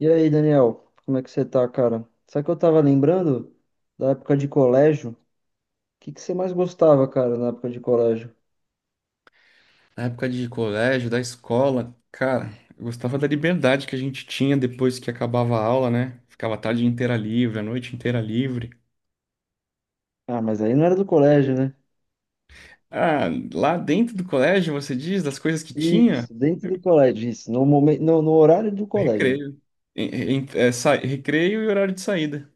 E aí, Daniel, como é que você tá, cara? Sabe que eu tava lembrando da época de colégio? O que você mais gostava, cara, na época de colégio? Na época de colégio, da escola, cara, eu gostava da liberdade que a gente tinha depois que acabava a aula, né? Ficava a tarde inteira livre, a noite inteira livre. Ah, mas aí não era do colégio, né? Ah, lá dentro do colégio, você diz, das coisas que tinha? Isso, dentro do colégio, isso, no momento, no horário do colégio. Recreio. Recreio e horário de saída.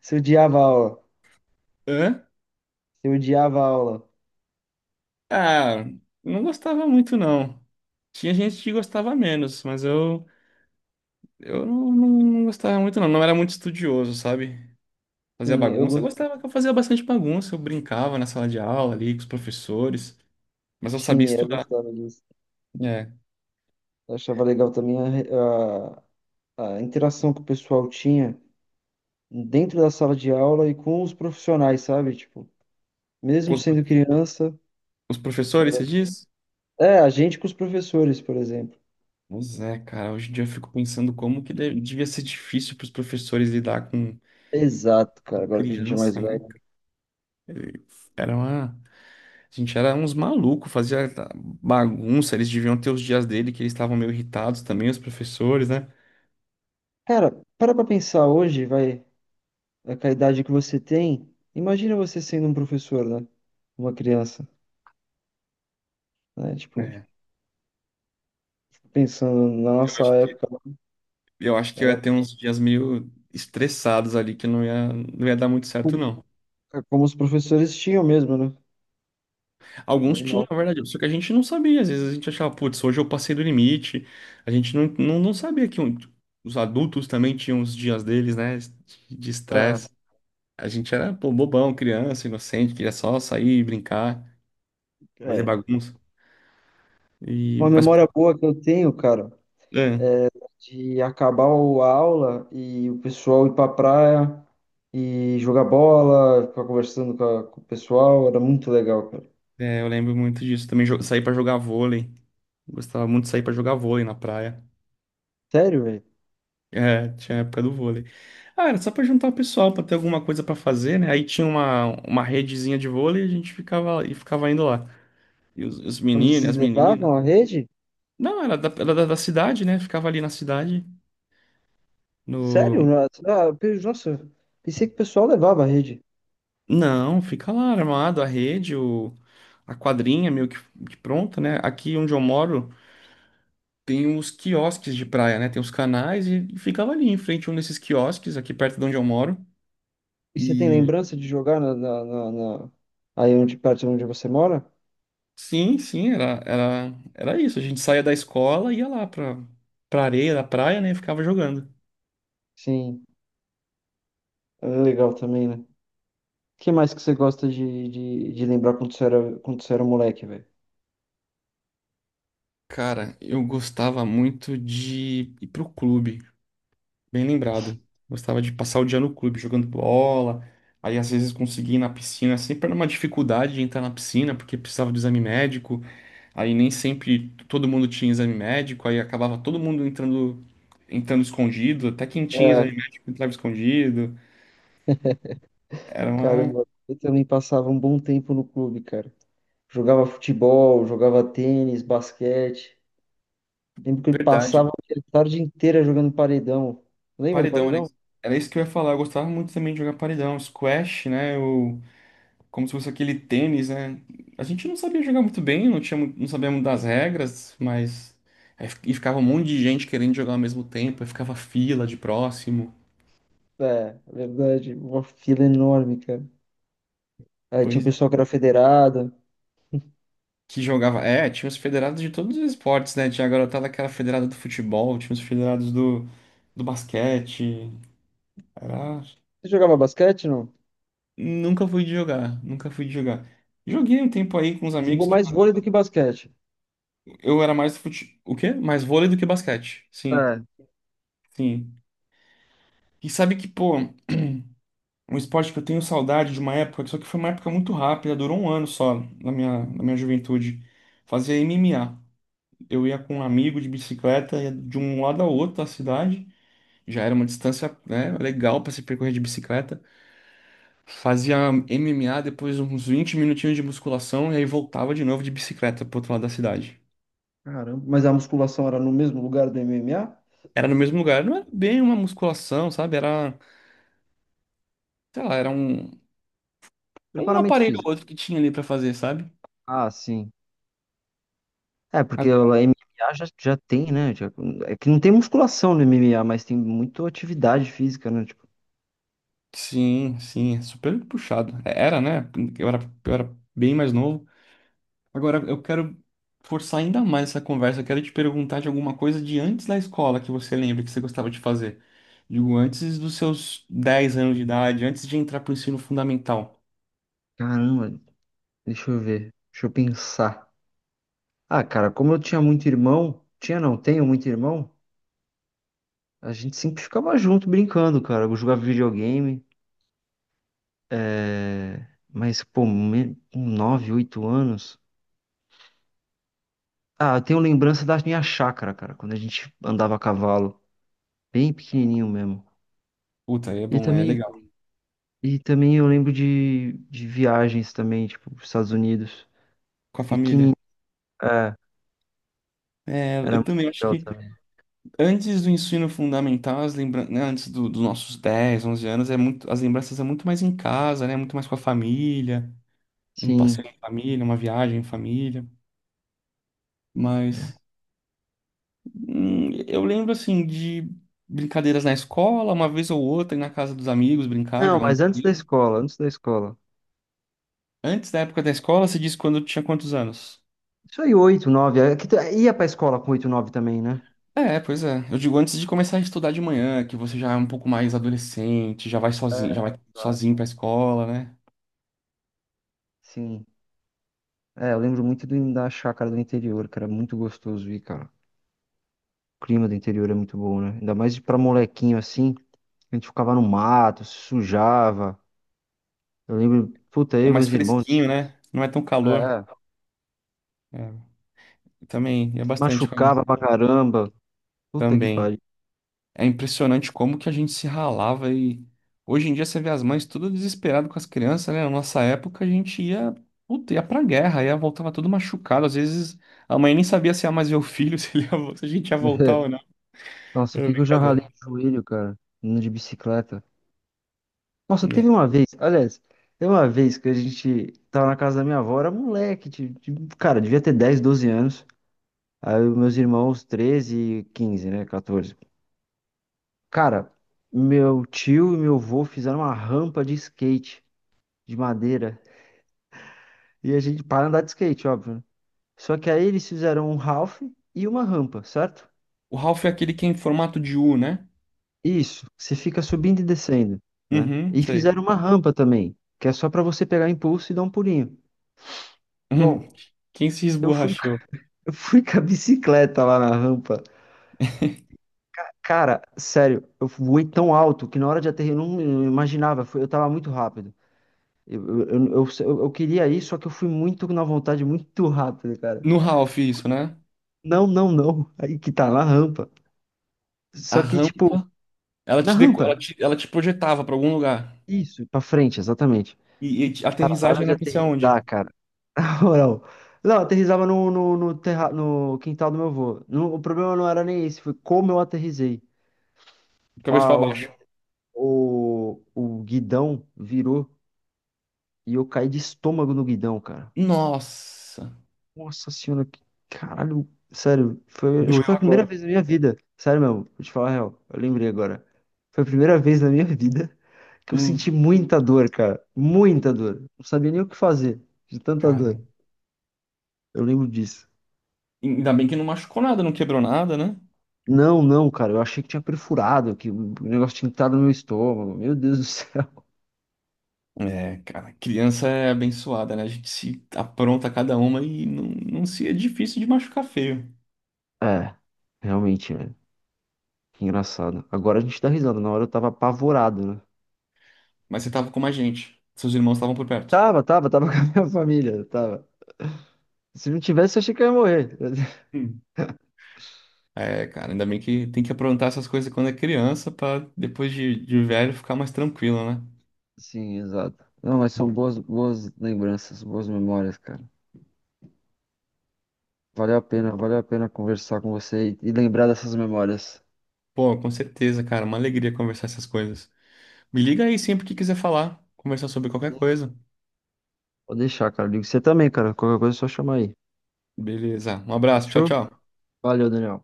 Você odiava a aula, Hã? você odiava a aula. Ah, não gostava muito, não. Tinha gente que gostava menos, mas eu, eu não, não não gostava muito, não. Não era muito estudioso, sabe? Fazia Sim, eu bagunça. Eu gost... gostava que eu fazia bastante bagunça. Eu brincava na sala de aula ali com os professores, mas eu sabia Sim, eu estudar. gostava disso. É. Eu achava legal também a interação que o pessoal tinha dentro da sala de aula e com os profissionais, sabe? Tipo, Com mesmo sendo criança. os professores, você diz? É, a gente com os professores, por exemplo. Pois é, cara. Hoje em dia eu fico pensando como que devia ser difícil para os professores lidar com Exato, cara, agora que a gente é mais criança, né? velho. Era uma... A gente era uns malucos, fazia bagunça. Eles deviam ter os dias dele que eles estavam meio irritados também, os professores, né? Cara, para pra pensar hoje, vai, é, com a idade que você tem, imagina você sendo um professor, né? Uma criança, né? Tipo, É. pensando na Eu nossa acho que, época, eu acho que eu era ia ter uns dias meio estressados ali, que não ia dar muito certo, como, não. é como os professores tinham mesmo, né? Alguns tinham, Normal. na verdade, só que a gente não sabia. Às vezes a gente achava, putz, hoje eu passei do limite. A gente não, não, não sabia que os adultos também tinham os dias deles, né, de É, estresse. A gente era, pô, bobão, criança, inocente, queria só sair, brincar, fazer é. bagunça. E, Uma mas, memória pô, boa que eu tenho, cara, é, de acabar a aula e o pessoal ir pra praia e jogar bola, ficar conversando com, com o pessoal, era muito legal, cara. Eu lembro muito disso. Também saí pra jogar vôlei. Gostava muito de sair pra jogar vôlei na praia. Sério, velho? É, tinha a época do vôlei. Ah, era só pra juntar o pessoal, pra ter alguma coisa pra fazer, né? Aí tinha uma redezinha de vôlei e e ficava indo lá. E os Mas meninos, vocês as meninas. levavam a rede? Não, da cidade, né? Ficava ali na cidade. No... Sério? Nossa, nossa, pensei que o pessoal levava a rede. Não, fica lá armado, a rede, o, a quadrinha meio que pronta, né? Aqui onde eu moro tem os quiosques de praia, né? Tem os canais e ficava ali em frente a um desses quiosques, aqui perto de onde eu moro. E você tem E lembrança de jogar na aí onde perto de onde você mora? sim, sim, era isso. A gente saía da escola e ia lá pra, pra areia da praia, né? E ficava jogando. Sim, é legal também, né? O que mais que você gosta de lembrar quando você era moleque, velho? Cara, eu gostava muito de ir pro clube, bem lembrado. Gostava de passar o dia no clube jogando bola. Aí às vezes conseguia ir na piscina, é sempre era uma dificuldade de entrar na piscina porque precisava do exame médico. Aí nem sempre todo mundo tinha exame médico, aí acabava todo mundo entrando escondido, até quem tinha É, exame médico entrava escondido. Era uma caramba, eu também passava um bom tempo no clube, cara. Jogava futebol, jogava tênis, basquete. Lembro que eu passava verdade. a tarde inteira jogando paredão. Lembra do Paredão, era paredão? era isso que eu ia falar. Eu gostava muito também de jogar paredão, squash, né? Ou como se fosse aquele tênis, né? A gente não sabia jogar muito bem, não tinha, não sabíamos das regras, mas aí fi- e ficava um monte de gente querendo jogar ao mesmo tempo, aí ficava fila de próximo. É, verdade. Uma fila enorme, cara. Aí tinha um Pois pessoal que era federado. que jogava. É, tinha os federados de todos os esportes, né? Tinha a garotada que era federada do futebol, tinha os federados do, do basquete. Era... Você jogava basquete, não? Nunca fui de jogar, nunca fui de jogar. Joguei um tempo aí com os amigos Jogou que mais vôlei do que basquete. eu era mais o quê? Mais vôlei do que basquete. Sim, É. sim. E sabe que, pô, um esporte que eu tenho saudade de uma época, só que foi uma época muito rápida, durou um ano só, na minha juventude. Fazia MMA. Eu ia com um amigo de bicicleta, ia de um lado ao outro da cidade. Já era uma distância, né, legal pra se percorrer de bicicleta. Fazia MMA, depois uns 20 minutinhos de musculação, e aí voltava de novo de bicicleta pro outro lado da cidade. Caramba, mas a musculação era no mesmo lugar do MMA? Era no mesmo lugar, não era bem uma musculação, sabe? Era sei lá, era um, um Preparamento aparelho ou físico. outro que tinha ali pra fazer, sabe? Ah, sim. É, porque Ah, o MMA já tem, né? É que não tem musculação no MMA, mas tem muita atividade física, né? Tipo, sim, sim, é super puxado. É, era, né? Eu era, eu era bem mais novo. Agora eu quero forçar ainda mais essa conversa. Eu quero te perguntar de alguma coisa de antes da escola que você lembra que você gostava de fazer. Digo, antes dos seus 10 anos de idade, antes de entrar pro ensino fundamental. caramba, deixa eu ver. Deixa eu pensar. Ah, cara, como eu tinha muito irmão, tinha não, tenho muito irmão, a gente sempre ficava junto brincando, cara. Eu jogava videogame. É, mas, pô, com 9, 8 anos. Ah, eu tenho lembrança da minha chácara, cara, quando a gente andava a cavalo, bem pequenininho mesmo. Puta, aí é E bom, aí é também, legal. e também eu lembro de viagens também, tipo, para Estados Unidos. Com a família. Pequenininho, é, É, era eu muito também acho legal que também. antes do ensino fundamental, as lembra... né, dos nossos 10, 11 anos, é muito... as lembranças é muito mais em casa, né? Muito mais com a família, um passeio Sim. em família, uma viagem em família. Mas eu lembro, assim, de brincadeiras na escola, uma vez ou outra, ir na casa dos amigos, brincar, Não, jogar um mas antes da videogame. escola, antes da escola. Antes da época da escola, você disse quando eu tinha quantos anos? Isso aí, 8 9. Ia pra escola com 8 9 também, né? É, pois é. Eu digo antes de começar a estudar de manhã, que você já é um pouco mais adolescente, já vai sozinho Exato. pra escola, né? Sim. É, eu lembro muito do, da chácara do interior, que era muito gostoso ir, cara. O clima do interior é muito bom, né? Ainda mais pra molequinho assim. A gente ficava no mato, se sujava. Eu lembro, puta, É eu e mais meus fresquinho, irmãos. né? Não é tão calor. É. É, também, é Se bastante calor. machucava pra caramba. Puta que Também. pariu. É impressionante como que a gente se ralava e hoje em dia você vê as mães tudo desesperado com as crianças, né? Na nossa época a gente ia, puta, ia pra guerra, ia voltava tudo machucado. Às vezes a mãe nem sabia se ia mais ver o filho, se, ele se a gente ia voltar ou não. Nossa, o É que que eu já ralei brincadeira. o joelho, cara, andando de bicicleta. Nossa, É. teve uma vez, aliás, teve uma vez que a gente tava na casa da minha avó, era moleque, cara, devia ter 10 12 anos. Aí os meus irmãos, 13 e 15, né, 14. Cara, meu tio e meu avô fizeram uma rampa de skate de madeira e a gente para andar de skate, óbvio, né? Só que aí eles fizeram um half e uma rampa, certo? O Ralph é aquele que é em formato de U, né? Isso, você fica subindo e descendo, né? Uhum, E sei. fizeram uma rampa também, que é só pra você pegar impulso e dar um pulinho. Uhum. Bom, Quem se eu fui, esborrachou? eu fui com a bicicleta lá na rampa. Cara, sério, eu voei tão alto que na hora de aterrar eu não imaginava, eu tava muito rápido. Eu queria ir, só que eu fui muito na vontade, muito rápido, cara. No Ralph, isso, né? Não, não, não. Aí que tá na rampa. A Só que, tipo, rampa. Na rampa. Ela ela te projetava pra algum lugar. Isso, pra frente, exatamente. E, e a Cara, na aterrissagem hora de era pra ser aterrissar, aonde? cara. Na moral. Não, eu aterrissava no terra, no quintal do meu avô. Não, o problema não era nem esse, foi como eu aterrissei. De cabeça pra Ah, o, vi- baixo. O guidão virou e eu caí de estômago no guidão, cara. Nossa, Nossa senhora, que caralho, sério, foi, acho doeu que foi a primeira agora. vez na minha vida, sério mesmo, vou te falar a real, eu lembrei agora. Foi a primeira vez na minha vida que eu senti Hum, muita dor, cara, muita dor. Não sabia nem o que fazer de tanta dor. cara, Eu lembro disso. ainda bem que não machucou nada, não quebrou nada, né? Não, não, cara, eu achei que tinha perfurado, que o negócio tinha entrado no meu estômago. Meu Deus do céu. É, cara, criança é abençoada, né? A gente se apronta cada uma não se é difícil de machucar feio. É, realmente, né? Que engraçado. Agora a gente tá risada, na hora eu tava apavorado, né? Mas você tava com mais gente. Seus irmãos estavam por perto. Tava, tava, tava com a minha família, tava. Se não tivesse, eu achei que eu ia morrer. Hum. É, cara, ainda bem que tem que aprontar essas coisas quando é criança pra depois de velho ficar mais tranquilo, né? Sim, exato. Não, mas são boas, boas lembranças, boas memórias, cara. Valeu a pena conversar com você e lembrar dessas memórias. Pô, com certeza, cara. Uma alegria conversar essas coisas. Me liga aí sempre que quiser falar, conversar sobre qualquer coisa. Vou deixar, cara. Digo você também, cara. Qualquer coisa é só chamar aí. Beleza. Um abraço. Tchau, Fechou? tchau. Valeu, Daniel.